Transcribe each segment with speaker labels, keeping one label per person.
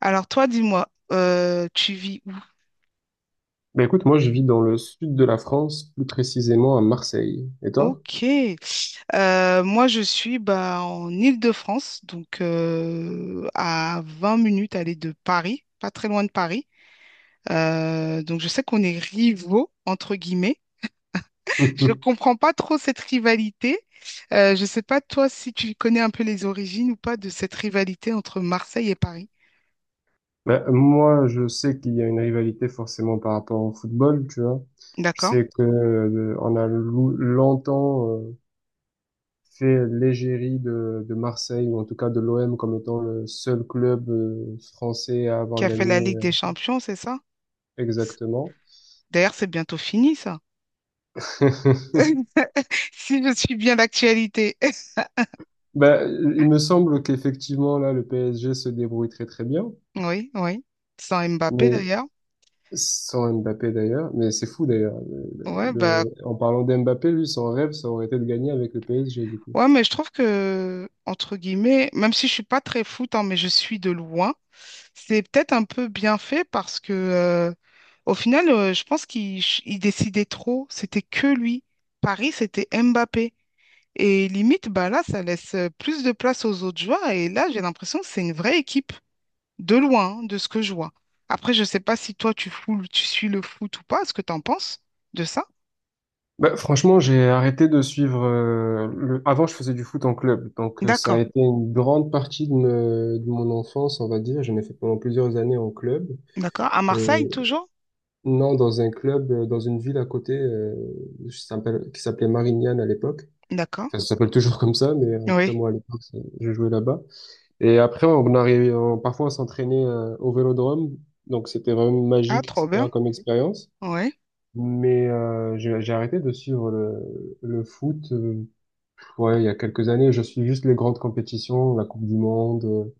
Speaker 1: Alors toi, dis-moi, tu vis où?
Speaker 2: Ben écoute, moi je vis dans le sud de la France, plus précisément à Marseille. Et toi?
Speaker 1: Ok. Moi, je suis bah, en Île-de-France, donc à 20 minutes aller de Paris, pas très loin de Paris. Donc je sais qu'on est rivaux, entre guillemets. Je comprends pas trop cette rivalité. Je sais pas toi si tu connais un peu les origines ou pas de cette rivalité entre Marseille et Paris.
Speaker 2: Ben, moi, je sais qu'il y a une rivalité forcément par rapport au football, tu vois. Je
Speaker 1: D'accord?
Speaker 2: sais que on a longtemps fait l'égérie de Marseille, ou en tout cas de l'OM, comme étant le seul club français à
Speaker 1: Qui
Speaker 2: avoir
Speaker 1: a fait la
Speaker 2: gagné
Speaker 1: Ligue
Speaker 2: euh,
Speaker 1: des Champions, c'est ça? C-
Speaker 2: Exactement.
Speaker 1: D'ailleurs, c'est bientôt fini, ça. Si je suis bien d'actualité.
Speaker 2: Ben, il me semble qu'effectivement, là, le PSG se débrouille très très bien.
Speaker 1: Oui, oui. Sans Mbappé
Speaker 2: Mais
Speaker 1: d'ailleurs.
Speaker 2: Sans Mbappé d'ailleurs, mais c'est fou d'ailleurs.
Speaker 1: Ouais, bah,
Speaker 2: En parlant d'Mbappé, lui, son rêve, ça aurait été de gagner avec le PSG du coup.
Speaker 1: ouais, mais je trouve que, entre guillemets, même si je suis pas très foot, hein, mais je suis de loin, c'est peut-être un peu bien fait parce que, au final, je pense qu'il ch- il décidait trop. C'était que lui. Paris, c'était Mbappé. Et limite, bah là, ça laisse plus de place aux autres joueurs. Et là, j'ai l'impression que c'est une vraie équipe, de loin, hein, de ce que je vois. Après, je sais pas si toi, tu suis le foot ou pas. Est-ce que tu en penses de ça?
Speaker 2: Bah, franchement, j'ai arrêté de suivre. Avant, je faisais du foot en club, donc ça a
Speaker 1: D'accord.
Speaker 2: été une grande partie de mon enfance, on va dire. J'en ai fait pendant plusieurs années en club.
Speaker 1: D'accord. À
Speaker 2: Euh,
Speaker 1: Marseille, toujours?
Speaker 2: non, dans un club, dans une ville à côté, qui s'appelait Marignane à l'époque.
Speaker 1: D'accord.
Speaker 2: Enfin, ça s'appelle toujours comme ça, mais en tout cas
Speaker 1: Oui.
Speaker 2: moi à l'époque, je jouais là-bas. Et après, on arrivait, parfois on s'entraînait au vélodrome, donc c'était vraiment
Speaker 1: Ah,
Speaker 2: magique,
Speaker 1: trop bien.
Speaker 2: etc., comme expérience.
Speaker 1: Oui.
Speaker 2: Mais j'ai arrêté de suivre le foot. Ouais, il y a quelques années, je suis juste les grandes compétitions, la Coupe du Monde,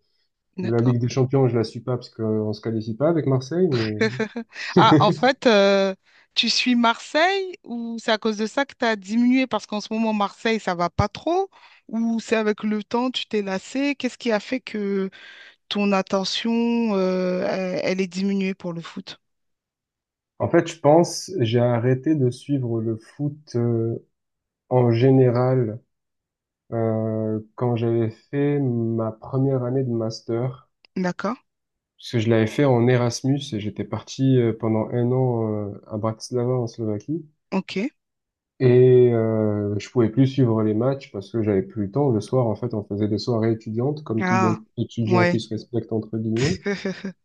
Speaker 2: la
Speaker 1: D'accord.
Speaker 2: Ligue des Champions, je la suis pas parce qu'on se qualifie pas avec Marseille. Mais,
Speaker 1: Ah, en fait, tu suis Marseille ou c'est à cause de ça que tu as diminué parce qu'en ce moment, Marseille, ça va pas trop? Ou c'est avec le temps, tu t'es lassé? Qu'est-ce qui a fait que ton attention, elle est diminuée pour le foot?
Speaker 2: en fait, je pense, j'ai arrêté de suivre le foot en général quand j'avais fait ma première année de master.
Speaker 1: D'accord.
Speaker 2: Parce que je l'avais fait en Erasmus et j'étais parti pendant un an à Bratislava en Slovaquie.
Speaker 1: OK.
Speaker 2: Et je pouvais plus suivre les matchs parce que j'avais plus le temps. Le soir, en fait, on faisait des soirées étudiantes, comme tout bon
Speaker 1: Ah,
Speaker 2: étudiant qui
Speaker 1: ouais.
Speaker 2: se respecte entre guillemets.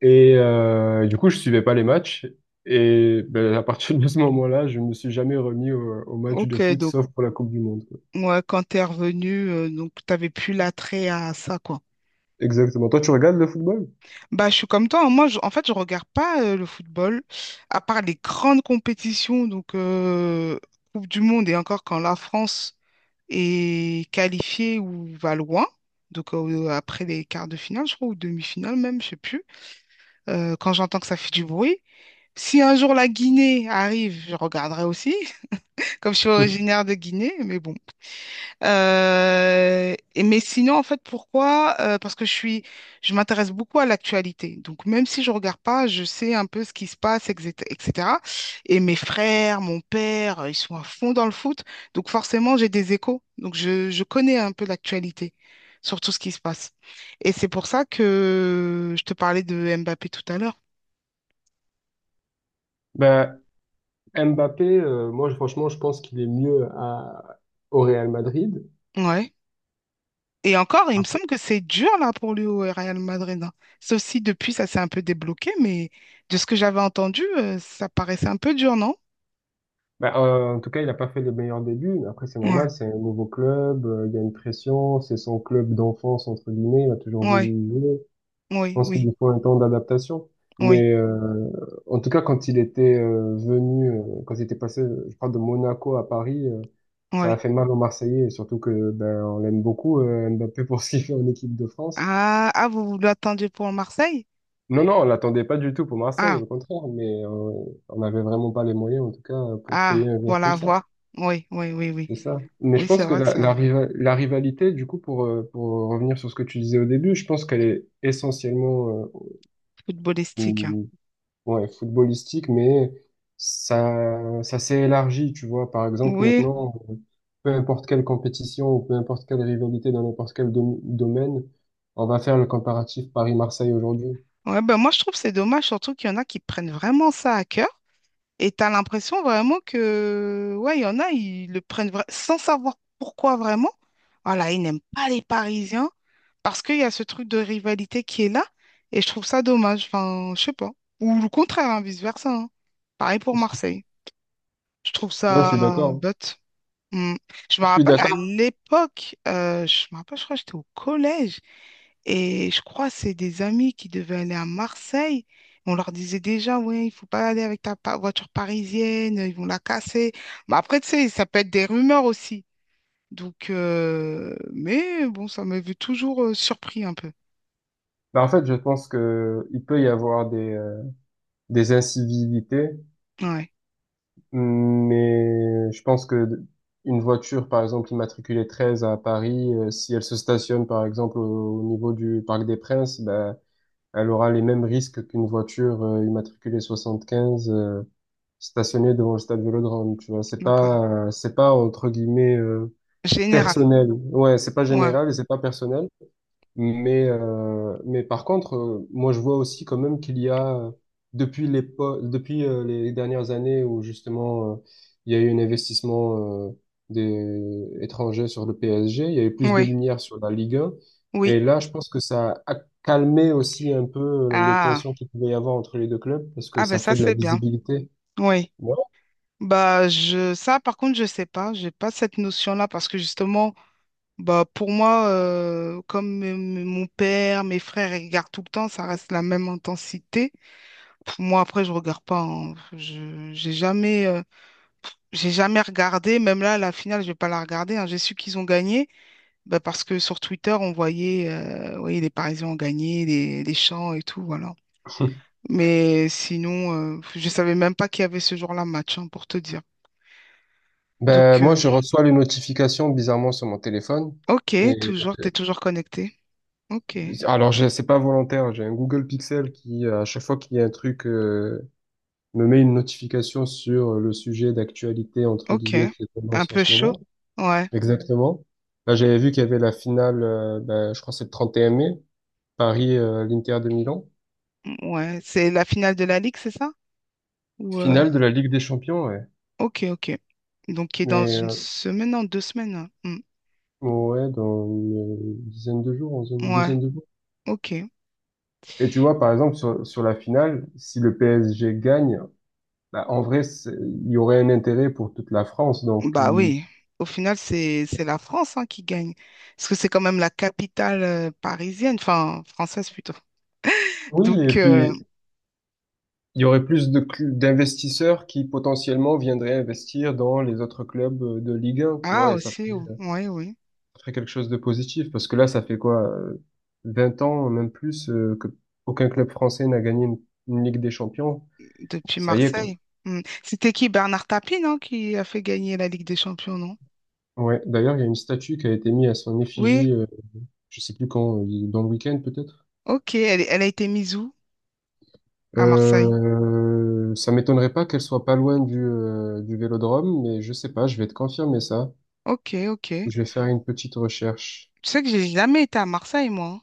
Speaker 2: Et du coup, je suivais pas les matchs. Et ben, à partir de ce moment-là, je me suis jamais remis au match de
Speaker 1: OK.
Speaker 2: foot,
Speaker 1: Donc,
Speaker 2: sauf pour la Coupe du Monde, quoi.
Speaker 1: ouais, quand tu es revenu, donc, tu n'avais plus l'attrait à ça, quoi.
Speaker 2: Exactement. Toi, tu regardes le football?
Speaker 1: Bah, je suis comme toi, hein. Moi, en fait, je regarde pas le football, à part les grandes compétitions, donc Coupe du Monde et encore quand la France est qualifiée ou va loin. Donc après les quarts de finale, je crois, ou demi-finale même, je sais plus. Quand j'entends que ça fait du bruit. Si un jour la Guinée arrive, je regarderai aussi, comme je suis originaire de Guinée, mais bon. Et, mais sinon, en fait, pourquoi? Parce que je m'intéresse beaucoup à l'actualité. Donc, même si je regarde pas, je sais un peu ce qui se passe, etc. etc. Et mes frères, mon père, ils sont à fond dans le foot. Donc, forcément, j'ai des échos. Donc, je connais un peu l'actualité sur tout ce qui se passe. Et c'est pour ça que je te parlais de Mbappé tout à l'heure.
Speaker 2: Bah, Mbappé, franchement, je pense qu'il est mieux au Real Madrid.
Speaker 1: Ouais. Et encore, il me
Speaker 2: Après,
Speaker 1: semble que c'est dur là pour lui au Real Madrid, hein. Sauf si depuis ça s'est un peu débloqué, mais de ce que j'avais entendu, ça paraissait un peu dur, non?
Speaker 2: bah, en tout cas, il n'a pas fait les meilleurs débuts, mais après c'est
Speaker 1: Ouais,
Speaker 2: normal, c'est un nouveau club, il y a une pression, c'est son club d'enfance, entre guillemets, il a toujours voulu
Speaker 1: ouais,
Speaker 2: y jouer. Je
Speaker 1: oui,
Speaker 2: pense qu'il
Speaker 1: oui,
Speaker 2: lui faut un temps d'adaptation.
Speaker 1: oui,
Speaker 2: Mais en tout cas, quand il était passé, je crois, de Monaco à Paris, ça a
Speaker 1: oui.
Speaker 2: fait mal aux Marseillais, et surtout que ben, on l'aime beaucoup, Mbappé, pour ce qu'il fait en équipe de France.
Speaker 1: Ah, ah, vous l'attendiez pour Marseille?
Speaker 2: Non, non, on l'attendait pas du tout pour Marseille,
Speaker 1: Ah,
Speaker 2: au contraire, mais on n'avait vraiment pas les moyens, en tout cas, pour payer
Speaker 1: ah,
Speaker 2: un joueur
Speaker 1: pour la
Speaker 2: comme ça.
Speaker 1: voix. Oui, oui, oui, oui.
Speaker 2: C'est ça. Mais je
Speaker 1: Oui, c'est
Speaker 2: pense que
Speaker 1: vrai que
Speaker 2: la,
Speaker 1: c'est
Speaker 2: la,
Speaker 1: un
Speaker 2: riva- la rivalité, du coup, pour revenir sur ce que tu disais au début, je pense qu'elle est essentiellement
Speaker 1: footballistique, hein.
Speaker 2: ou- ouais, footballistique, mais ça s'est élargi, tu vois. Par exemple,
Speaker 1: Oui,
Speaker 2: maintenant, peu importe quelle compétition ou peu importe quelle rivalité dans n'importe quel domaine, on va faire le comparatif Paris-Marseille aujourd'hui.
Speaker 1: ouais, ben moi je trouve que c'est dommage, surtout qu'il y en a qui prennent vraiment ça à cœur. Et t'as l'impression vraiment que, ouais, il y en a, ils le prennent sans savoir pourquoi vraiment. Voilà, ils n'aiment pas les Parisiens parce qu'il y a ce truc de rivalité qui est là. Et je trouve ça dommage. Enfin, je sais pas. Ou le contraire, hein, vice-versa, hein. Pareil pour Marseille. Je trouve
Speaker 2: Non, je suis
Speaker 1: ça
Speaker 2: d'accord, hein.
Speaker 1: bête. Mm. Je me
Speaker 2: Je suis
Speaker 1: rappelle à
Speaker 2: d'accord.
Speaker 1: l'époque, je me rappelle, je crois que j'étais au collège. Et je crois que c'est des amis qui devaient aller à Marseille. On leur disait déjà, ouais, il faut pas aller avec ta voiture parisienne, ils vont la casser. Mais après, tu sais, ça peut être des rumeurs aussi. Donc, mais bon, ça m'avait toujours surpris un peu.
Speaker 2: Bah, en fait, je pense que il peut y avoir des incivilités,
Speaker 1: Ouais,
Speaker 2: mais je pense que une voiture, par exemple, immatriculée 13 à Paris, si elle se stationne, par exemple, au niveau du Parc des Princes, bah, elle aura les mêmes risques qu'une voiture immatriculée 75 stationnée devant le stade Vélodrome. Tu vois, c'est
Speaker 1: d'accord.
Speaker 2: pas, entre guillemets
Speaker 1: Général.
Speaker 2: personnel. Ouais, c'est pas
Speaker 1: Ouais,
Speaker 2: général et c'est pas personnel. Mais par contre, moi je vois aussi quand même qu'il y a, depuis les dernières années où justement il y a eu un investissement des étrangers sur le PSG, il y a eu plus de
Speaker 1: oui,
Speaker 2: lumière sur la Ligue 1.
Speaker 1: oui.
Speaker 2: Et là, je pense que ça a calmé aussi un peu les
Speaker 1: Ah,
Speaker 2: tensions qu'il pouvait y avoir entre les deux clubs parce que
Speaker 1: ah ben
Speaker 2: ça
Speaker 1: ça,
Speaker 2: fait de la
Speaker 1: c'est bien.
Speaker 2: visibilité.
Speaker 1: Oui.
Speaker 2: Ouais.
Speaker 1: Bah, ça, par contre, je sais pas. J'ai pas cette notion-là parce que justement, bah, pour moi, comme mon père, mes frères ils regardent tout le temps, ça reste la même intensité. Pour moi, après, je regarde pas, hein. Je, j'ai jamais regardé. Même là, la finale, je vais pas la regarder, hein. J'ai su qu'ils ont gagné bah, parce que sur Twitter, on voyait, oui, les Parisiens ont gagné, les chants et tout, voilà. Mais sinon, je savais même pas qu'il y avait ce jour-là match, hein, pour te dire.
Speaker 2: Ben,
Speaker 1: Donc,
Speaker 2: moi, je reçois les notifications bizarrement sur mon téléphone.
Speaker 1: ok, t'es toujours connecté. Ok,
Speaker 2: Alors, c'est pas volontaire. J'ai un Google Pixel qui, à chaque fois qu'il y a un truc, me met une notification sur le sujet d'actualité, entre
Speaker 1: ok,
Speaker 2: guillemets, qui est
Speaker 1: un
Speaker 2: tendance en
Speaker 1: peu
Speaker 2: ce moment.
Speaker 1: chaud. Ouais.
Speaker 2: Exactement. Là, j'avais vu qu'il y avait la finale, ben, je crois que c'est le 31 mai, Paris, l'Inter de Milan.
Speaker 1: Ouais, c'est la finale de la Ligue, c'est ça? Ou euh,
Speaker 2: Finale de la Ligue des Champions, ouais.
Speaker 1: Ok, ok. Donc, qui est dans
Speaker 2: Mais,
Speaker 1: une semaine, non, deux semaines, hein. Hmm.
Speaker 2: ouais, dans une dizaine de jours, dans une
Speaker 1: Ouais,
Speaker 2: douzaine de jours.
Speaker 1: ok.
Speaker 2: Et tu vois, par exemple, sur la finale, si le PSG gagne, bah, en vrai, il y aurait un intérêt pour toute la France. Donc,
Speaker 1: Bah
Speaker 2: il
Speaker 1: oui. Au final, c'est la France hein, qui gagne. Parce que c'est quand même la capitale parisienne, enfin française plutôt.
Speaker 2: oui, et
Speaker 1: Donc,
Speaker 2: puis il y aurait plus de d'investisseurs qui potentiellement viendraient investir dans les autres clubs de Ligue 1, tu
Speaker 1: ah
Speaker 2: vois, et ça
Speaker 1: aussi,
Speaker 2: fait, ça
Speaker 1: oui, oui.
Speaker 2: ferait quelque chose de positif, parce que là, ça fait quoi, 20 ans, même plus, que aucun club français n'a gagné une Ligue des Champions.
Speaker 1: Depuis
Speaker 2: Ça y est, quoi.
Speaker 1: Marseille. Hmm. C'était qui? Bernard Tapie, non, qui a fait gagner la Ligue des Champions, non?
Speaker 2: Ouais, d'ailleurs, il y a une statue qui a été mise à son
Speaker 1: Oui,
Speaker 2: effigie, je sais plus quand, dans le week-end peut-être.
Speaker 1: ok. Elle a été mise où? À Marseille.
Speaker 2: Ça m'étonnerait pas qu'elle soit pas loin du Vélodrome, mais je sais pas, je vais te confirmer ça.
Speaker 1: Ok, ok. Tu
Speaker 2: Je vais faire une petite recherche.
Speaker 1: sais que j'ai jamais été à Marseille, moi, hein.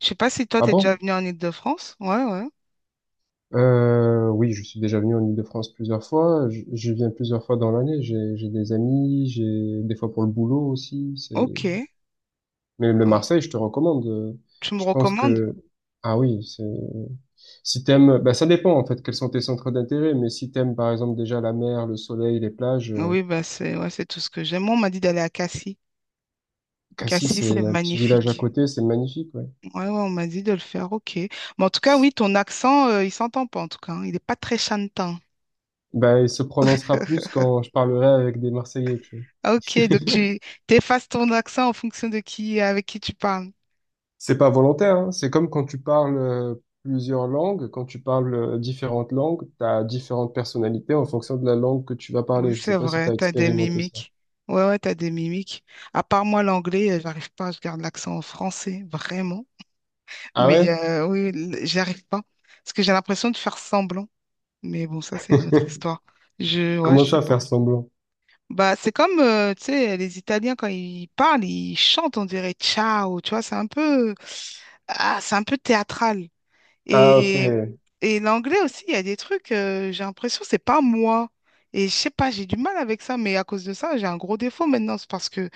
Speaker 1: Je sais pas si toi,
Speaker 2: Ah
Speaker 1: t'es déjà
Speaker 2: bon?
Speaker 1: venu en Île-de-France. Ouais, ouais.
Speaker 2: Oui, je suis déjà venu en Île-de-France plusieurs fois. Je viens plusieurs fois dans l'année. J'ai des amis, j'ai des fois pour le boulot aussi. C'est,
Speaker 1: Ok.
Speaker 2: mais, mais
Speaker 1: Ah,
Speaker 2: Marseille, je te recommande.
Speaker 1: tu me
Speaker 2: Je pense
Speaker 1: recommandes?
Speaker 2: que, ah oui, c'est, si t'aimes, bah, ça dépend, en fait, quels sont tes centres d'intérêt. Mais si t'aimes, par exemple, déjà la mer, le soleil, les plages,
Speaker 1: Oui, bah c'est ouais, c'est tout ce que j'aime. Moi, on m'a dit d'aller à Cassis.
Speaker 2: Cassis,
Speaker 1: Cassis,
Speaker 2: c'est
Speaker 1: c'est
Speaker 2: un petit village à
Speaker 1: magnifique.
Speaker 2: côté, c'est magnifique, ouais.
Speaker 1: Ouais, ouais, on m'a dit de le faire. Ok. Mais en tout cas, oui, ton accent, il s'entend pas, en tout cas, hein. Il n'est pas très chantant.
Speaker 2: Bah, il se prononcera plus quand je parlerai avec des Marseillais, tu vois.
Speaker 1: Ah, ok, donc tu t'effaces ton accent en fonction de qui, avec qui tu parles.
Speaker 2: C'est pas volontaire, hein. C'est comme quand tu parles plusieurs langues, quand tu parles différentes langues, tu as différentes personnalités en fonction de la langue que tu vas
Speaker 1: Oui,
Speaker 2: parler. Je sais
Speaker 1: c'est
Speaker 2: pas si tu
Speaker 1: vrai,
Speaker 2: as
Speaker 1: t'as des
Speaker 2: expérimenté ça.
Speaker 1: mimiques. Ouais, ouais, t'as des mimiques. À part moi, l'anglais, j'arrive pas, je garde l'accent en français, vraiment.
Speaker 2: Ah
Speaker 1: Mais
Speaker 2: ouais?
Speaker 1: euh, oui, j'y arrive pas. Parce que j'ai l'impression de faire semblant. Mais bon, ça, c'est une autre histoire. Ouais,
Speaker 2: Comment
Speaker 1: je sais
Speaker 2: ça,
Speaker 1: pas.
Speaker 2: faire semblant?
Speaker 1: Bah, c'est comme, tu sais, les Italiens, quand ils parlent, ils chantent, on dirait ciao, tu vois, c'est un peu théâtral.
Speaker 2: Ah ok,
Speaker 1: Et, et l'anglais aussi, il y a des trucs, j'ai l'impression, c'est pas moi. Et je sais pas, j'ai du mal avec ça, mais à cause de ça, j'ai un gros défaut maintenant, c'est parce que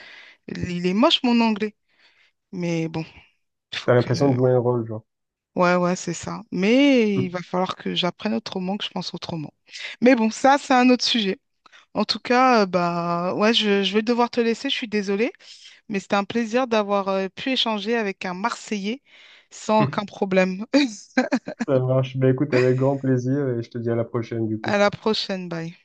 Speaker 1: il est moche, mon anglais. Mais bon, il faut
Speaker 2: t'as
Speaker 1: que,
Speaker 2: l'impression de jouer un rôle, genre.
Speaker 1: Ouais, ouais, c'est ça. Mais il va falloir que j'apprenne autrement, que je pense autrement. Mais bon, ça, c'est un autre sujet. En tout cas, bah, ouais, je vais devoir te laisser, je suis désolée, mais c'était un plaisir d'avoir pu échanger avec un Marseillais sans aucun problème.
Speaker 2: Ça marche. Ben écoute, avec grand plaisir et je te dis à la prochaine, du
Speaker 1: À
Speaker 2: coup.
Speaker 1: la prochaine, bye.